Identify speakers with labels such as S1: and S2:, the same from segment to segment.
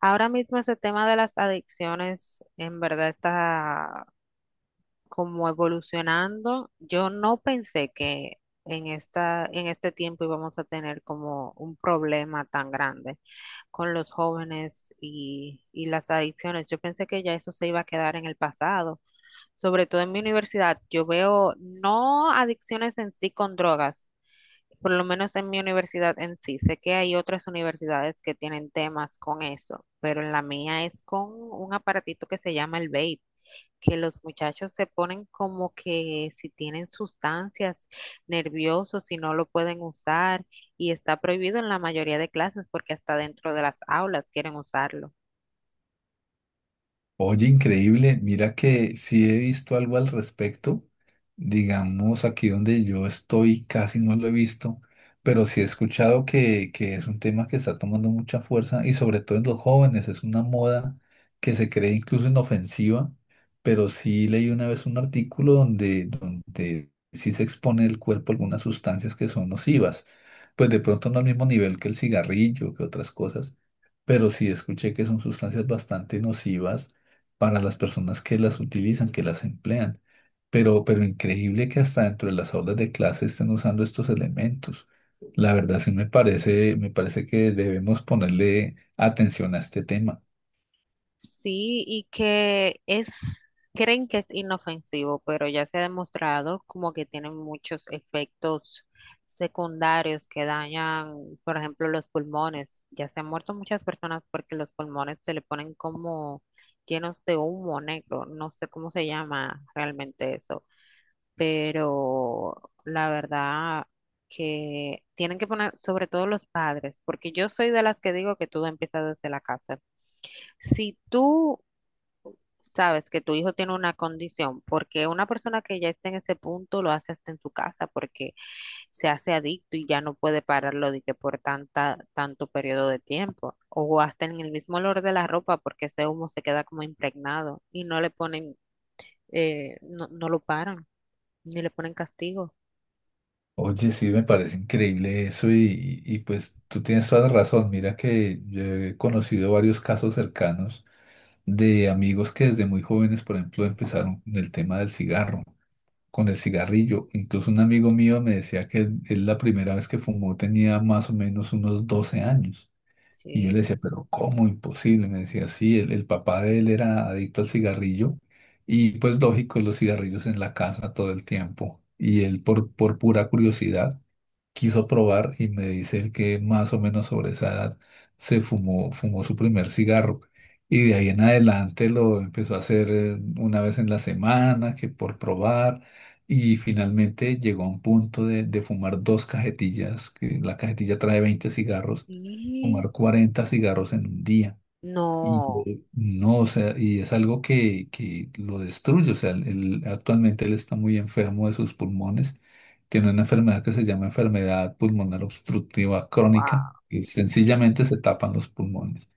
S1: Ahora mismo ese tema de las adicciones en verdad está como evolucionando. Yo no pensé que en este tiempo íbamos a tener como un problema tan grande con los jóvenes y las adicciones. Yo pensé que ya eso se iba a quedar en el pasado. Sobre todo en mi universidad, yo veo no adicciones en sí con drogas, por lo menos en mi universidad en sí, sé que hay otras universidades que tienen temas con eso, pero en la mía es con un aparatito que se llama el vape, que los muchachos se ponen como que si tienen sustancias nerviosos, si no lo pueden usar, y está prohibido en la mayoría de clases porque hasta dentro de las aulas quieren usarlo.
S2: Oye, increíble. Mira que sí he visto algo al respecto. Digamos, aquí donde yo estoy casi no lo he visto, pero sí he escuchado que es un tema que está tomando mucha fuerza y sobre todo en los jóvenes. Es una moda que se cree incluso inofensiva, pero sí leí una vez un artículo donde sí se expone el cuerpo a algunas sustancias que son nocivas. Pues de pronto no al mismo nivel que el cigarrillo, que otras cosas, pero sí escuché que son sustancias bastante nocivas para las personas que las utilizan, que las emplean. Pero increíble que hasta dentro de las aulas de clase estén usando estos elementos. La verdad sí me parece que debemos ponerle atención a este tema.
S1: Sí, y que es, creen que es inofensivo, pero ya se ha demostrado como que tienen muchos efectos secundarios que dañan, por ejemplo, los pulmones. Ya se han muerto muchas personas porque los pulmones se le ponen como llenos de humo negro. No sé cómo se llama realmente eso, pero la verdad que tienen que poner, sobre todo los padres, porque yo soy de las que digo que todo empieza desde la casa. Si tú sabes que tu hijo tiene una condición, porque una persona que ya está en ese punto lo hace hasta en su casa, porque se hace adicto y ya no puede pararlo de que por tanto periodo de tiempo, o hasta en el mismo olor de la ropa, porque ese humo se queda como impregnado y no le ponen, no, no lo paran, ni le ponen castigo.
S2: Oye, sí, me parece increíble eso y pues tú tienes toda la razón. Mira que yo he conocido varios casos cercanos de amigos que desde muy jóvenes, por ejemplo, empezaron con el tema del cigarro. Con el cigarrillo. Incluso un amigo mío me decía que él la primera vez que fumó tenía más o menos unos 12 años. Y yo le decía,
S1: Sí.
S2: pero ¿cómo? Imposible. Me decía, sí, el papá de él era adicto al cigarrillo y pues lógico, los cigarrillos en la casa todo el tiempo. Y él por pura curiosidad quiso probar y me dice él que más o menos sobre esa edad se fumó su primer cigarro. Y de ahí en adelante lo empezó a hacer una vez en la semana, que por probar. Y finalmente llegó a un punto de fumar dos cajetillas, que la cajetilla trae 20 cigarros,
S1: Y
S2: fumar 40 cigarros en un día. Y
S1: no,
S2: no, o sea, y es algo que lo destruye. O sea, actualmente él está muy enfermo de sus pulmones. Tiene una enfermedad que se llama enfermedad pulmonar obstructiva crónica.
S1: wow,
S2: Y sencillamente se tapan los pulmones.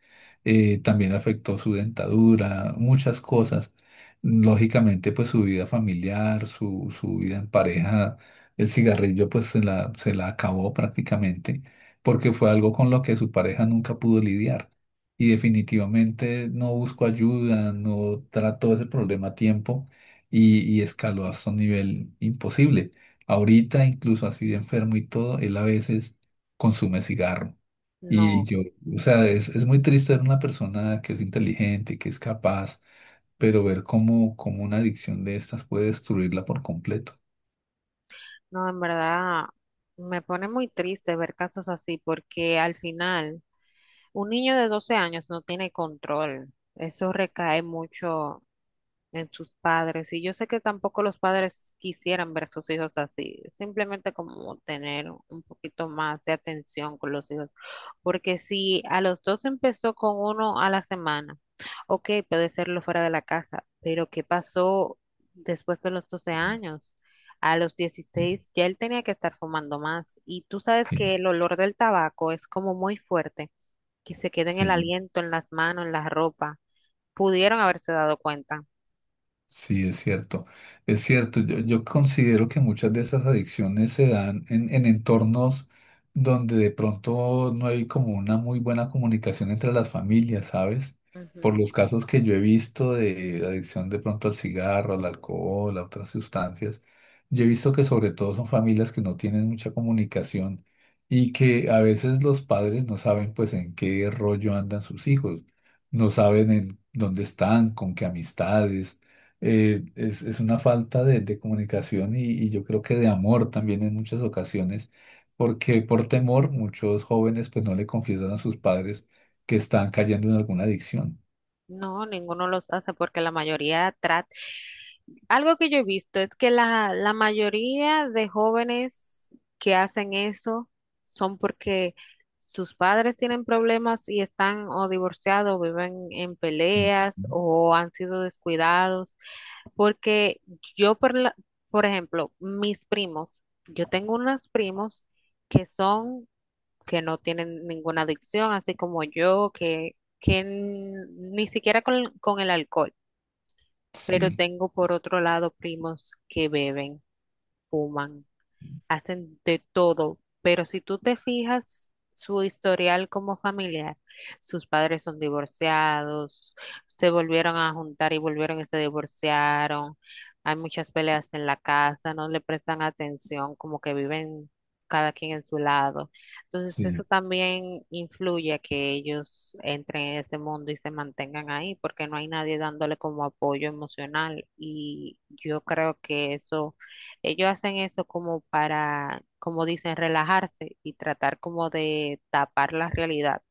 S2: También afectó su dentadura, muchas cosas. Lógicamente, pues su vida familiar, su vida en pareja, el cigarrillo, pues se la acabó prácticamente, porque fue algo con lo que su pareja nunca pudo lidiar y definitivamente no busco ayuda, no trato ese problema a tiempo y escaló hasta un nivel imposible. Ahorita, incluso así de enfermo y todo, él a veces consume cigarro. Y
S1: no,
S2: yo, o sea, es muy triste ver una persona que es inteligente, que es capaz, pero ver cómo una adicción de estas puede destruirla por completo.
S1: no, en verdad me pone muy triste ver casos así, porque al final un niño de 12 años no tiene control. Eso recae mucho en sus padres. Y yo sé que tampoco los padres quisieran ver a sus hijos así. Simplemente como tener un poquito más de atención con los hijos. Porque si a los dos empezó con uno a la semana, ok, puede serlo fuera de la casa. Pero ¿qué pasó después de los 12 años? A los
S2: Sí,
S1: 16 ya él tenía que estar fumando más. Y tú sabes
S2: sí,
S1: que el olor del tabaco es como muy fuerte que se quede en el
S2: sí.
S1: aliento, en las manos, en la ropa. Pudieron haberse dado cuenta.
S2: Sí, es cierto, es cierto. Yo considero que muchas de esas adicciones se dan en entornos donde de pronto no hay como una muy buena comunicación entre las familias, ¿sabes? Por
S1: Ujú.
S2: los casos que yo he visto de adicción de pronto al cigarro, al alcohol, a otras sustancias, yo he visto que sobre todo son familias que no tienen mucha comunicación y que a veces los padres no saben pues en qué rollo andan sus hijos, no saben en dónde están, con qué amistades, es una falta de comunicación y yo creo que de amor también en muchas ocasiones, porque por temor muchos jóvenes pues no le confiesan a sus padres que están cayendo en alguna adicción.
S1: No, ninguno los hace porque la mayoría trata. Algo que yo he visto es que la mayoría de jóvenes que hacen eso son porque sus padres tienen problemas y están o divorciados, viven en
S2: Ujú.
S1: peleas o han sido descuidados. Porque yo, por, la- por ejemplo, mis primos, yo tengo unos primos que son que, no tienen ninguna adicción, así como yo, que ni siquiera con el alcohol. Pero
S2: Sí,
S1: tengo por otro lado primos que beben, fuman hacen de todo, pero si tú te fijas su historial como familiar, sus padres son divorciados, se volvieron a juntar y volvieron y se divorciaron, hay muchas peleas en la casa, no le prestan atención, como que viven cada quien en su lado. Entonces eso
S2: sí,
S1: también influye a que ellos entren en ese mundo y se mantengan ahí, porque no hay nadie dándole como apoyo emocional y yo creo que eso ellos hacen eso como para, como dicen, relajarse y tratar como de tapar la realidad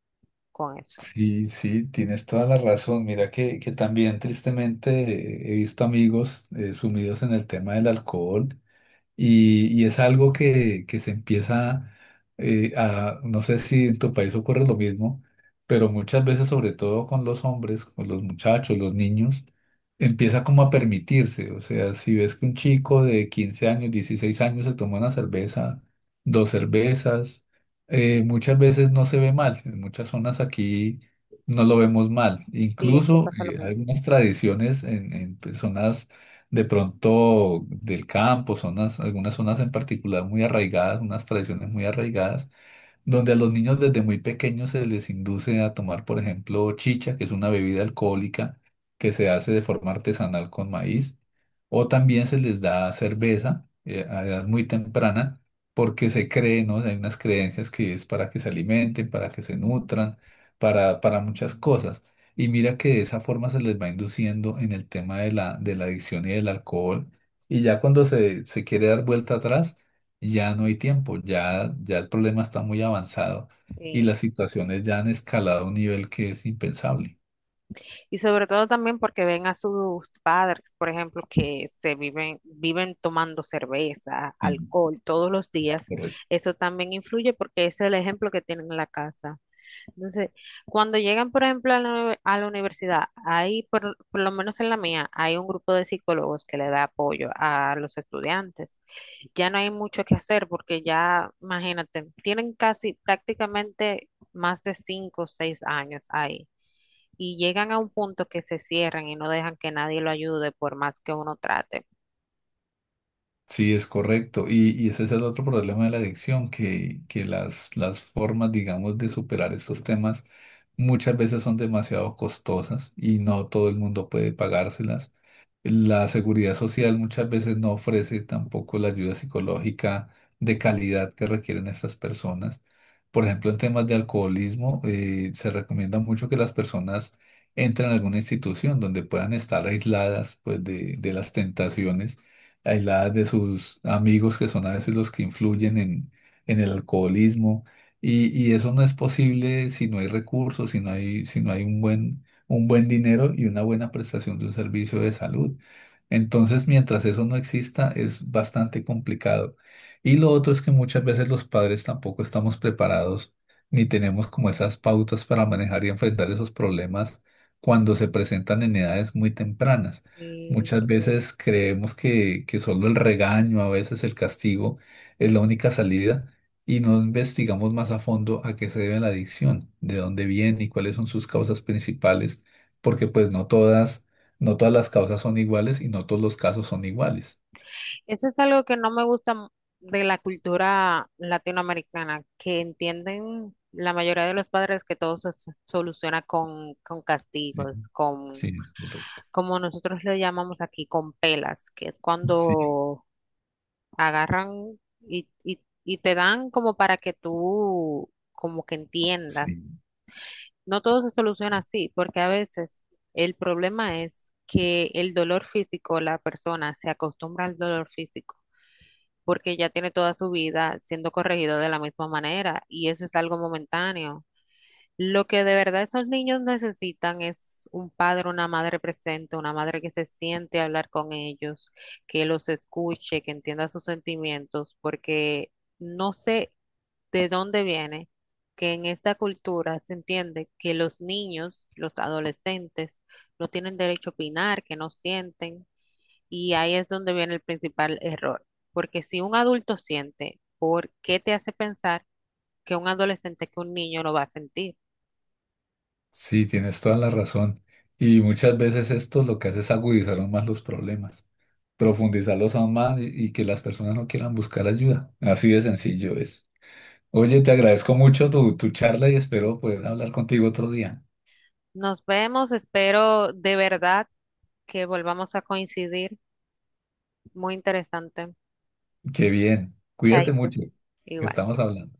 S1: con eso.
S2: sí, sí, tienes toda la razón. Mira que también tristemente he visto amigos sumidos en el tema del alcohol. Y es algo que se empieza no sé si en tu país ocurre lo mismo, pero muchas veces, sobre todo con los hombres, con los muchachos, los niños, empieza como a permitirse. O sea, si ves que un chico de 15 años, 16 años se toma una cerveza, dos cervezas, muchas veces no se ve mal. En muchas zonas aquí no lo vemos mal.
S1: Sí, aquí
S2: Incluso
S1: pasa lo mismo.
S2: algunas tradiciones en personas de pronto del campo, zonas, algunas zonas en particular muy arraigadas, unas tradiciones muy arraigadas donde a los niños desde muy pequeños se les induce a tomar, por ejemplo, chicha, que es una bebida alcohólica que se hace de forma artesanal con maíz, o también se les da cerveza a edad muy temprana, porque se cree, ¿no? Hay unas creencias que es para que se alimenten, para que se nutran, para muchas cosas. Y mira que de esa forma se les va induciendo en el tema de la adicción y del alcohol. Y ya cuando se quiere dar vuelta atrás, ya no hay tiempo, ya el problema está muy avanzado y
S1: Sí.
S2: las situaciones ya han escalado a un nivel que es impensable.
S1: Y sobre todo también porque ven a sus padres, por ejemplo, que viven tomando cerveza,
S2: Sí,
S1: alcohol todos los días.
S2: correcto.
S1: Eso también influye porque es el ejemplo que tienen en la casa. Entonces, cuando llegan, por ejemplo, a a la universidad, ahí, por lo menos en la mía, hay un grupo de psicólogos que le da apoyo a los estudiantes. Ya no hay mucho que hacer porque ya, imagínate, tienen casi prácticamente más de 5 o 6 años ahí y llegan a un punto que se cierran y no dejan que nadie lo ayude por más que uno trate.
S2: Sí, es correcto. Y ese es el otro problema de la adicción, que las formas, digamos, de superar estos temas muchas veces son demasiado costosas y no todo el mundo puede pagárselas. La seguridad social muchas veces no ofrece tampoco la ayuda psicológica de calidad que requieren estas personas. Por ejemplo, en temas de alcoholismo, se recomienda mucho que las personas entren a alguna institución donde puedan estar aisladas, pues, de las tentaciones aisladas de sus amigos, que son a veces los que influyen en el alcoholismo. Y eso no es posible si no hay recursos, si no hay un buen dinero y una buena prestación de un servicio de salud. Entonces, mientras eso no exista, es bastante complicado. Y lo otro es que muchas veces los padres tampoco estamos preparados ni tenemos como esas pautas para manejar y enfrentar esos problemas cuando se presentan en edades muy tempranas. Muchas veces creemos que solo el regaño, a veces el castigo, es la única salida y no investigamos más a fondo a qué se debe la adicción, de dónde viene y cuáles son sus causas principales, porque pues no todas, no todas las causas son iguales y no todos los casos son iguales.
S1: Eso es algo que no me gusta de la cultura latinoamericana, que entienden la mayoría de los padres que todo se soluciona con
S2: Sí,
S1: castigos, con,
S2: sí, correcto.
S1: como nosotros le llamamos aquí, con pelas, que es
S2: Sí,
S1: cuando agarran y te dan como para que tú como que entiendas.
S2: sí.
S1: No todo se soluciona así, porque a veces el problema es que el dolor físico, la persona se acostumbra al dolor físico porque ya tiene toda su vida siendo corregido de la misma manera y eso es algo momentáneo. Lo que de verdad esos niños necesitan es un padre, una madre presente, una madre que se siente a hablar con ellos, que los escuche, que entienda sus sentimientos, porque no sé de dónde viene que en esta cultura se entiende que los niños, los adolescentes, no tienen derecho a opinar, que no sienten. Y ahí es donde viene el principal error, porque si un adulto siente, ¿por qué te hace pensar que un adolescente, que un niño lo va a sentir?
S2: Sí, tienes toda la razón. Y muchas veces esto lo que hace es agudizar aún más los problemas, profundizarlos aún más y que las personas no quieran buscar ayuda. Así de sencillo es. Oye, te agradezco mucho tu charla y espero poder hablar contigo otro día.
S1: Nos vemos, espero de verdad que volvamos a coincidir. Muy interesante.
S2: Qué bien. Cuídate
S1: Chaito,
S2: mucho.
S1: igual.
S2: Estamos hablando.